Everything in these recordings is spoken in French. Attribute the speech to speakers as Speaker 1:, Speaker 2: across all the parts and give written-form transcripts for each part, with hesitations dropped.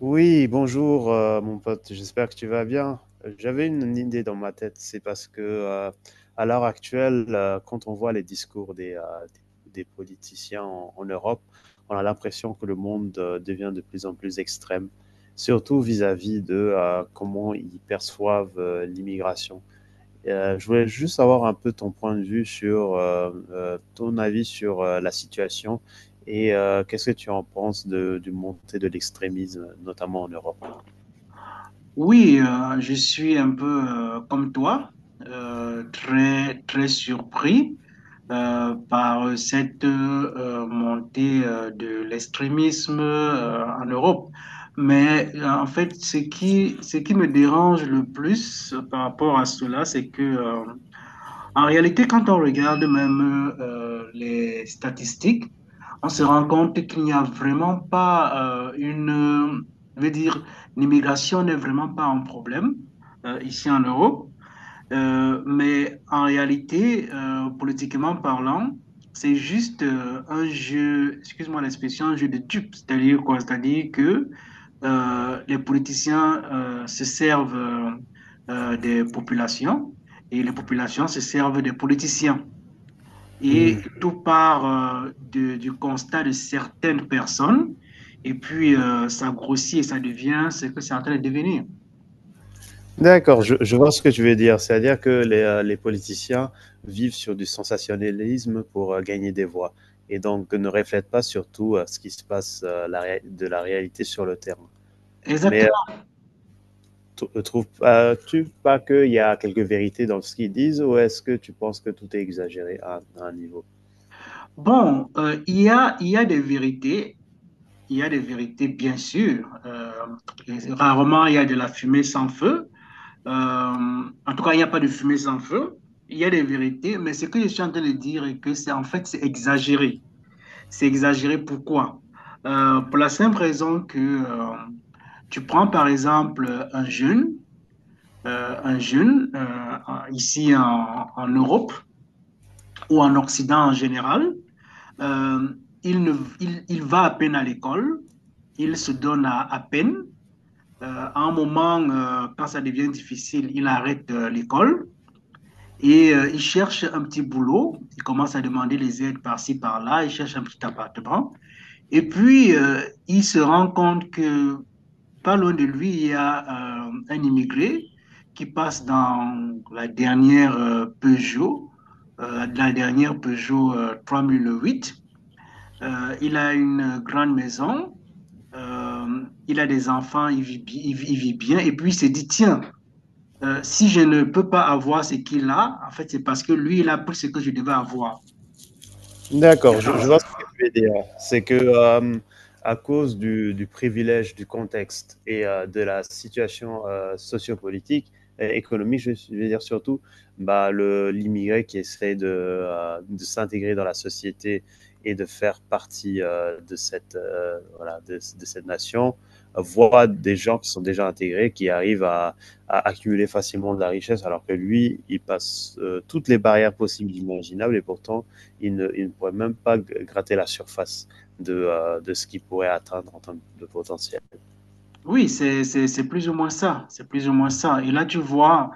Speaker 1: Oui, bonjour mon pote, j'espère que tu vas bien. J'avais une idée dans ma tête, c'est parce que à l'heure actuelle, quand on voit les discours des politiciens en Europe, on a l'impression que le monde devient de plus en plus extrême, surtout vis-à-vis de comment ils perçoivent l'immigration. Je voulais juste avoir un peu ton point de vue sur ton avis sur la situation et qu'est-ce que tu en penses de, du montée de l'extrémisme, notamment en Europe.
Speaker 2: Oui, je suis un peu comme toi, très très surpris par cette montée de l'extrémisme en Europe. Mais en fait, ce qui me dérange le plus par rapport à cela, c'est que en réalité, quand on regarde même les statistiques, on se rend compte qu'il n'y a vraiment pas je veux dire, l'immigration n'est vraiment pas un problème ici en Europe. Mais en réalité, politiquement parlant, c'est juste un jeu, excuse-moi l'expression, un jeu de dupes. C'est-à-dire quoi? C'est-à-dire que les politiciens se servent des populations et les populations se servent des politiciens. Et
Speaker 1: Hmm.
Speaker 2: tout part du constat de certaines personnes et puis ça grossit et ça devient ce que c'est en train de devenir.
Speaker 1: D'accord, je vois ce que tu veux dire. C'est-à-dire que les politiciens vivent sur du sensationnalisme pour gagner des voix et donc ne reflètent pas surtout ce qui se passe de la réalité sur le terrain. Mais
Speaker 2: Exactement.
Speaker 1: ne trouves-tu pas qu'il y a quelques vérités dans ce qu'ils disent, ou est-ce que tu penses que tout est exagéré à un niveau?
Speaker 2: Bon, il y a des vérités, il y a des vérités, bien sûr. Rarement, il y a de la fumée sans feu. En tout cas, il n'y a pas de fumée sans feu. Il y a des vérités, mais ce que je suis en train de dire est que c'est en fait, c'est exagéré. C'est exagéré pourquoi? Pour la simple raison que tu prends par exemple un jeune, euh, un jeune euh, ici en Europe ou en Occident en général, euh, il, ne, il va à peine à l'école, il se donne à peine. À un moment, quand ça devient difficile, il arrête l'école et il cherche un petit boulot. Il commence à demander les aides par-ci, par-là. Il cherche un petit appartement. Et puis, il se rend compte que pas loin de lui, il y a un immigré qui passe dans la dernière Peugeot 3008. Il a une grande maison. Il a des enfants, il vit, il vit bien. Et puis, il s'est dit, tiens, si je ne peux pas avoir ce qu'il a, en fait, c'est parce que lui, il a pris ce que je devais avoir. C'est
Speaker 1: D'accord, je
Speaker 2: parti.
Speaker 1: vois ce que tu veux dire. C'est que à cause du privilège, du contexte et de la situation sociopolitique et économique, je veux dire surtout, bah, l'immigré qui essaie de s'intégrer dans la société et de faire partie voilà, de cette nation voit des gens qui sont déjà intégrés, qui arrivent à accumuler facilement de la richesse, alors que lui, il passe toutes les barrières possibles, imaginables, et pourtant il ne pourrait même pas gratter la surface de ce qu'il pourrait atteindre en termes de potentiel.
Speaker 2: Oui, c'est plus ou moins ça. C'est plus ou moins ça. Et là, tu vois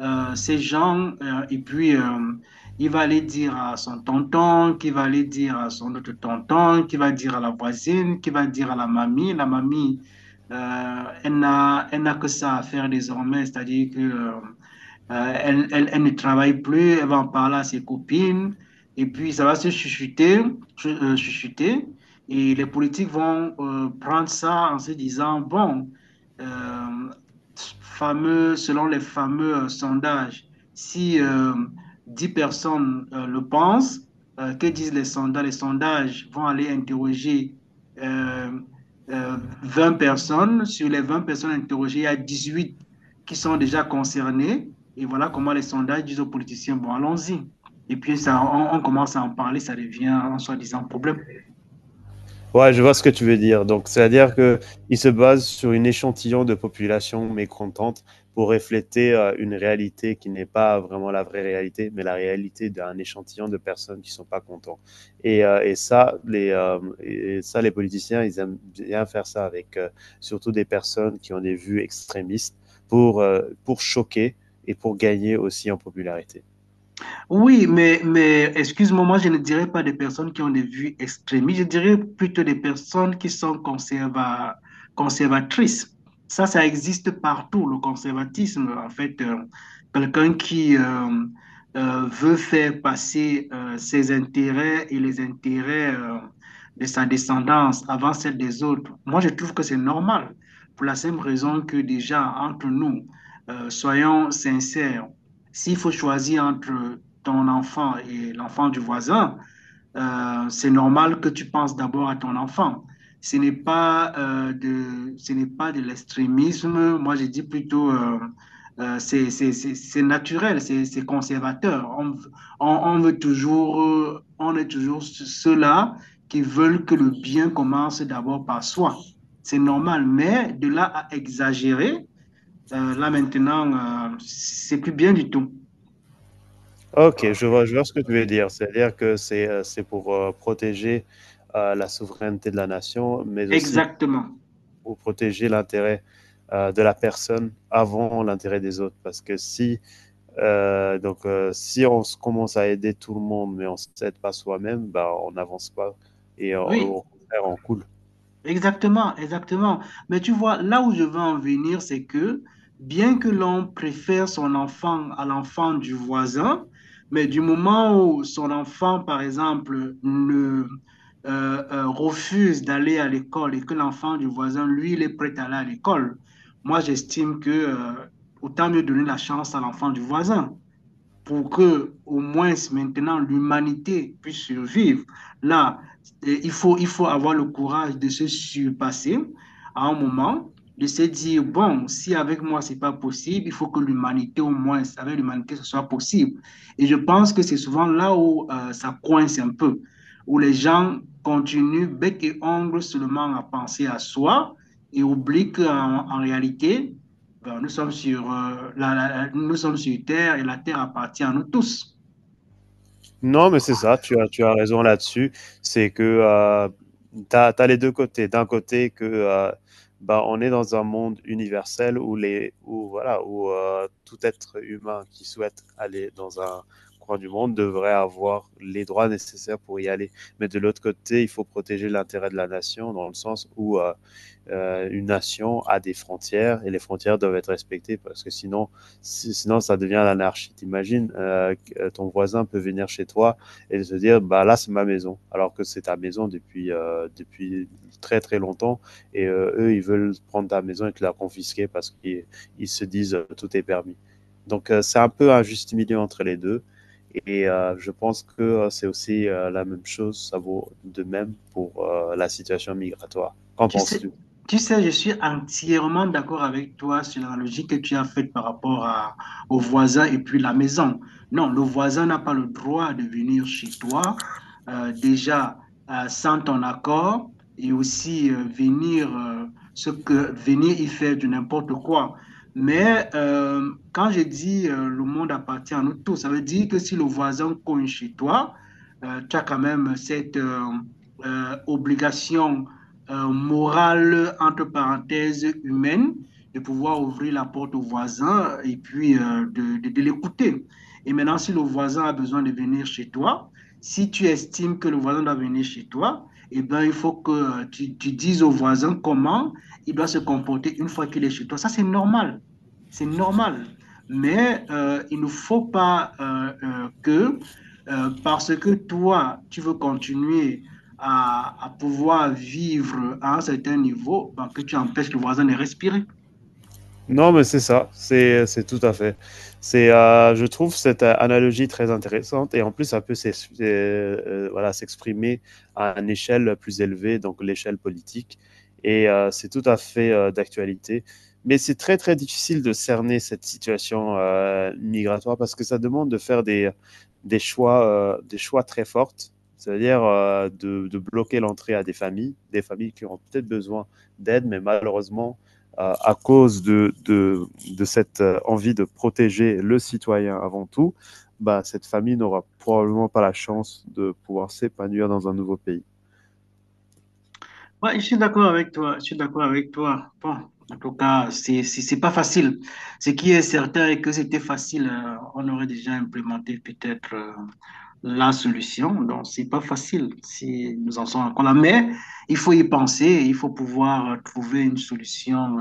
Speaker 2: ces gens, et puis il va aller dire à son tonton, qui va aller dire à son autre tonton, qui va dire à la voisine, qui va dire à la mamie. La mamie, elle n'a que ça à faire désormais, c'est-à-dire que... Euh, elle ne travaille plus, elle va en parler à ses copines, et puis ça va se chuchoter, chuchoter, et les politiques vont prendre ça en se disant, bon, euh, selon les fameux sondages, si 10 personnes le pensent, que disent les sondages? Les sondages vont aller interroger euh, euh, 20 personnes. Sur les 20 personnes interrogées, il y a 18 qui sont déjà concernées. Et voilà comment les sondages disent aux politiciens, bon, allons-y. Et puis ça, on commence à en parler, ça devient en soi-disant problème.
Speaker 1: Ouais, je vois ce que tu veux dire. Donc, c'est-à-dire qu'il se base sur une échantillon de population mécontente pour refléter une réalité qui n'est pas vraiment la vraie réalité, mais la réalité d'un échantillon de personnes qui ne sont pas contents. Et ça, les politiciens, ils aiment bien faire ça avec surtout des personnes qui ont des vues extrémistes pour choquer et pour gagner aussi en popularité.
Speaker 2: Oui, mais excuse-moi, moi je ne dirais pas des personnes qui ont des vues extrémistes, je dirais plutôt des personnes qui sont conservatrices. Ça existe partout, le conservatisme. En fait, quelqu'un qui veut faire passer ses intérêts et les intérêts de sa descendance avant celle des autres, moi je trouve que c'est normal, pour la simple raison que déjà, entre nous, soyons sincères. S'il faut choisir entre ton enfant et l'enfant du voisin, c'est normal que tu penses d'abord à ton enfant. Ce n'est pas de l'extrémisme. Moi, je dis plutôt, c'est naturel, c'est conservateur. On veut toujours, on est toujours ceux-là qui veulent que le bien commence d'abord par soi. C'est normal, mais de là à exagérer, là maintenant, c'est plus bien du tout.
Speaker 1: OK, je vois ce que tu veux dire. C'est-à-dire que c'est pour, protéger, la souveraineté de la nation, mais aussi
Speaker 2: Exactement.
Speaker 1: pour protéger l'intérêt, de la personne avant l'intérêt des autres. Parce que si, donc, si on se commence à aider tout le monde, mais on ne s'aide pas soi-même, bah, on n'avance pas et
Speaker 2: Oui.
Speaker 1: au contraire, on coule.
Speaker 2: Exactement, exactement. Mais tu vois, là où je veux en venir, c'est que bien que l'on préfère son enfant à l'enfant du voisin, mais du moment où son enfant, par exemple, ne, refuse d'aller à l'école et que l'enfant du voisin, lui, il est prêt à aller à l'école, moi, j'estime que autant mieux donner la chance à l'enfant du voisin pour que au moins maintenant l'humanité puisse survivre. Là, il faut avoir le courage de se surpasser à un moment, de se dire, bon, si avec moi c'est pas possible, il faut que l'humanité au moins, avec l'humanité, ce soit possible. Et je pense que c'est souvent là où ça coince un peu, où les gens continuent bec et ongle seulement à penser à soi et oublient qu'en en réalité, ben, nous sommes sur terre et la terre appartient à nous tous.
Speaker 1: Non, mais c'est ça, tu as raison là-dessus. C'est que, tu as les 2 côtés. D'un côté que, bah, on est dans un monde universel où les où voilà, où, tout être humain qui souhaite aller dans un coin du monde devrait avoir les droits nécessaires pour y aller. Mais de l'autre côté, il faut protéger l'intérêt de la nation dans le sens où, une nation a des frontières et les frontières doivent être respectées, parce que sinon, sinon ça devient l'anarchie. T'imagines, ton voisin peut venir chez toi et se dire, bah là c'est ma maison, alors que c'est ta maison depuis depuis très très longtemps, et eux ils veulent prendre ta maison et te la confisquer parce qu'ils ils se disent tout est permis. Donc c'est un peu un juste milieu entre les deux. Et je pense que c'est aussi la même chose, ça vaut de même pour la situation migratoire. Qu'en
Speaker 2: Tu sais,
Speaker 1: penses-tu?
Speaker 2: tu sais, je suis entièrement d'accord avec toi sur la logique que tu as faite par rapport au voisin et puis la maison. Non, le voisin n'a pas le droit de venir chez toi, déjà sans ton accord et aussi venir y faire du n'importe quoi. Mais quand je dis le monde appartient à nous tous, ça veut dire que si le voisin cogne chez toi, tu as quand même cette obligation morale, entre parenthèses, humaine, de pouvoir ouvrir la porte au voisin et puis de l'écouter. Et maintenant, si le voisin a besoin de venir chez toi, si tu estimes que le voisin doit venir chez toi, eh bien, il faut que tu dises au voisin comment il doit se comporter une fois qu'il est chez toi. Ça, c'est normal. C'est normal. Mais il ne faut pas parce que toi, tu veux continuer à pouvoir vivre à un certain niveau, ben, que tu empêches le voisin de respirer.
Speaker 1: Non, mais c'est ça, c'est tout à fait. C'est, je trouve cette analogie très intéressante, et en plus, ça peut voilà, s'exprimer à une échelle plus élevée, donc l'échelle politique. Et c'est tout à fait d'actualité. Mais c'est très, très difficile de cerner cette situation migratoire, parce que ça demande de faire des choix très forts, c'est-à-dire de bloquer l'entrée à des familles qui ont peut-être besoin d'aide, mais malheureusement, à cause cette envie de protéger le citoyen avant tout, bah, cette famille n'aura probablement pas la chance de pouvoir s'épanouir dans un nouveau pays.
Speaker 2: Ouais, je suis d'accord avec toi, je suis d'accord avec toi. Bon, en tout cas, c'est pas facile. Ce qui est certain est que c'était facile, on aurait déjà implémenté peut-être la solution. Donc, c'est pas facile si nous en sommes encore là. Mais il faut y penser, il faut pouvoir trouver une solution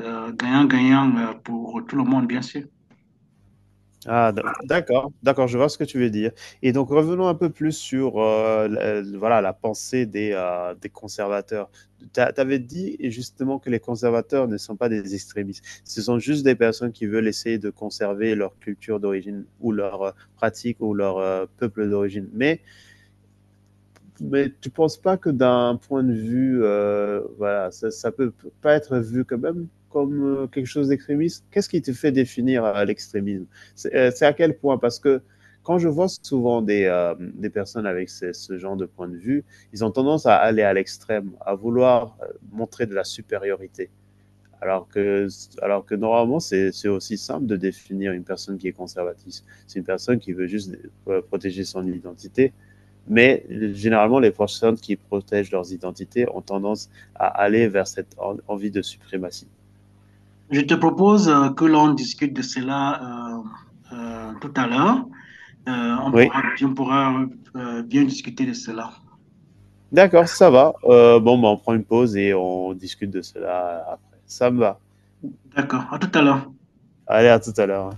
Speaker 2: gagnant-gagnant pour tout le monde, bien sûr.
Speaker 1: Ah, d'accord, d'accord, je vois ce que tu veux dire. Et donc revenons un peu plus sur voilà, la pensée des conservateurs. Tu avais dit justement que les conservateurs ne sont pas des extrémistes, ce sont juste des personnes qui veulent essayer de conserver leur culture d'origine, ou leur pratique, ou leur peuple d'origine. Mais tu penses pas que d'un point de vue, voilà, ça peut pas être vu quand même comme quelque chose d'extrémiste? Qu'est-ce qui te fait définir l'extrémisme? C'est à quel point? Parce que quand je vois souvent des personnes avec ce genre de point de vue, ils ont tendance à aller à l'extrême, à vouloir montrer de la supériorité. Alors que, alors que normalement, c'est aussi simple de définir une personne qui est conservatrice. C'est une personne qui veut juste protéger son identité, mais généralement, les personnes qui protègent leurs identités ont tendance à aller vers cette envie de suprématie.
Speaker 2: Je te propose que l'on discute de cela tout à l'heure. Euh, on
Speaker 1: Oui,
Speaker 2: pourra, on pourra bien discuter de cela.
Speaker 1: d'accord, ça va. Bon, bah, on prend une pause et on discute de cela après. Ça me va.
Speaker 2: D'accord, à tout à l'heure.
Speaker 1: Allez, à tout à l'heure.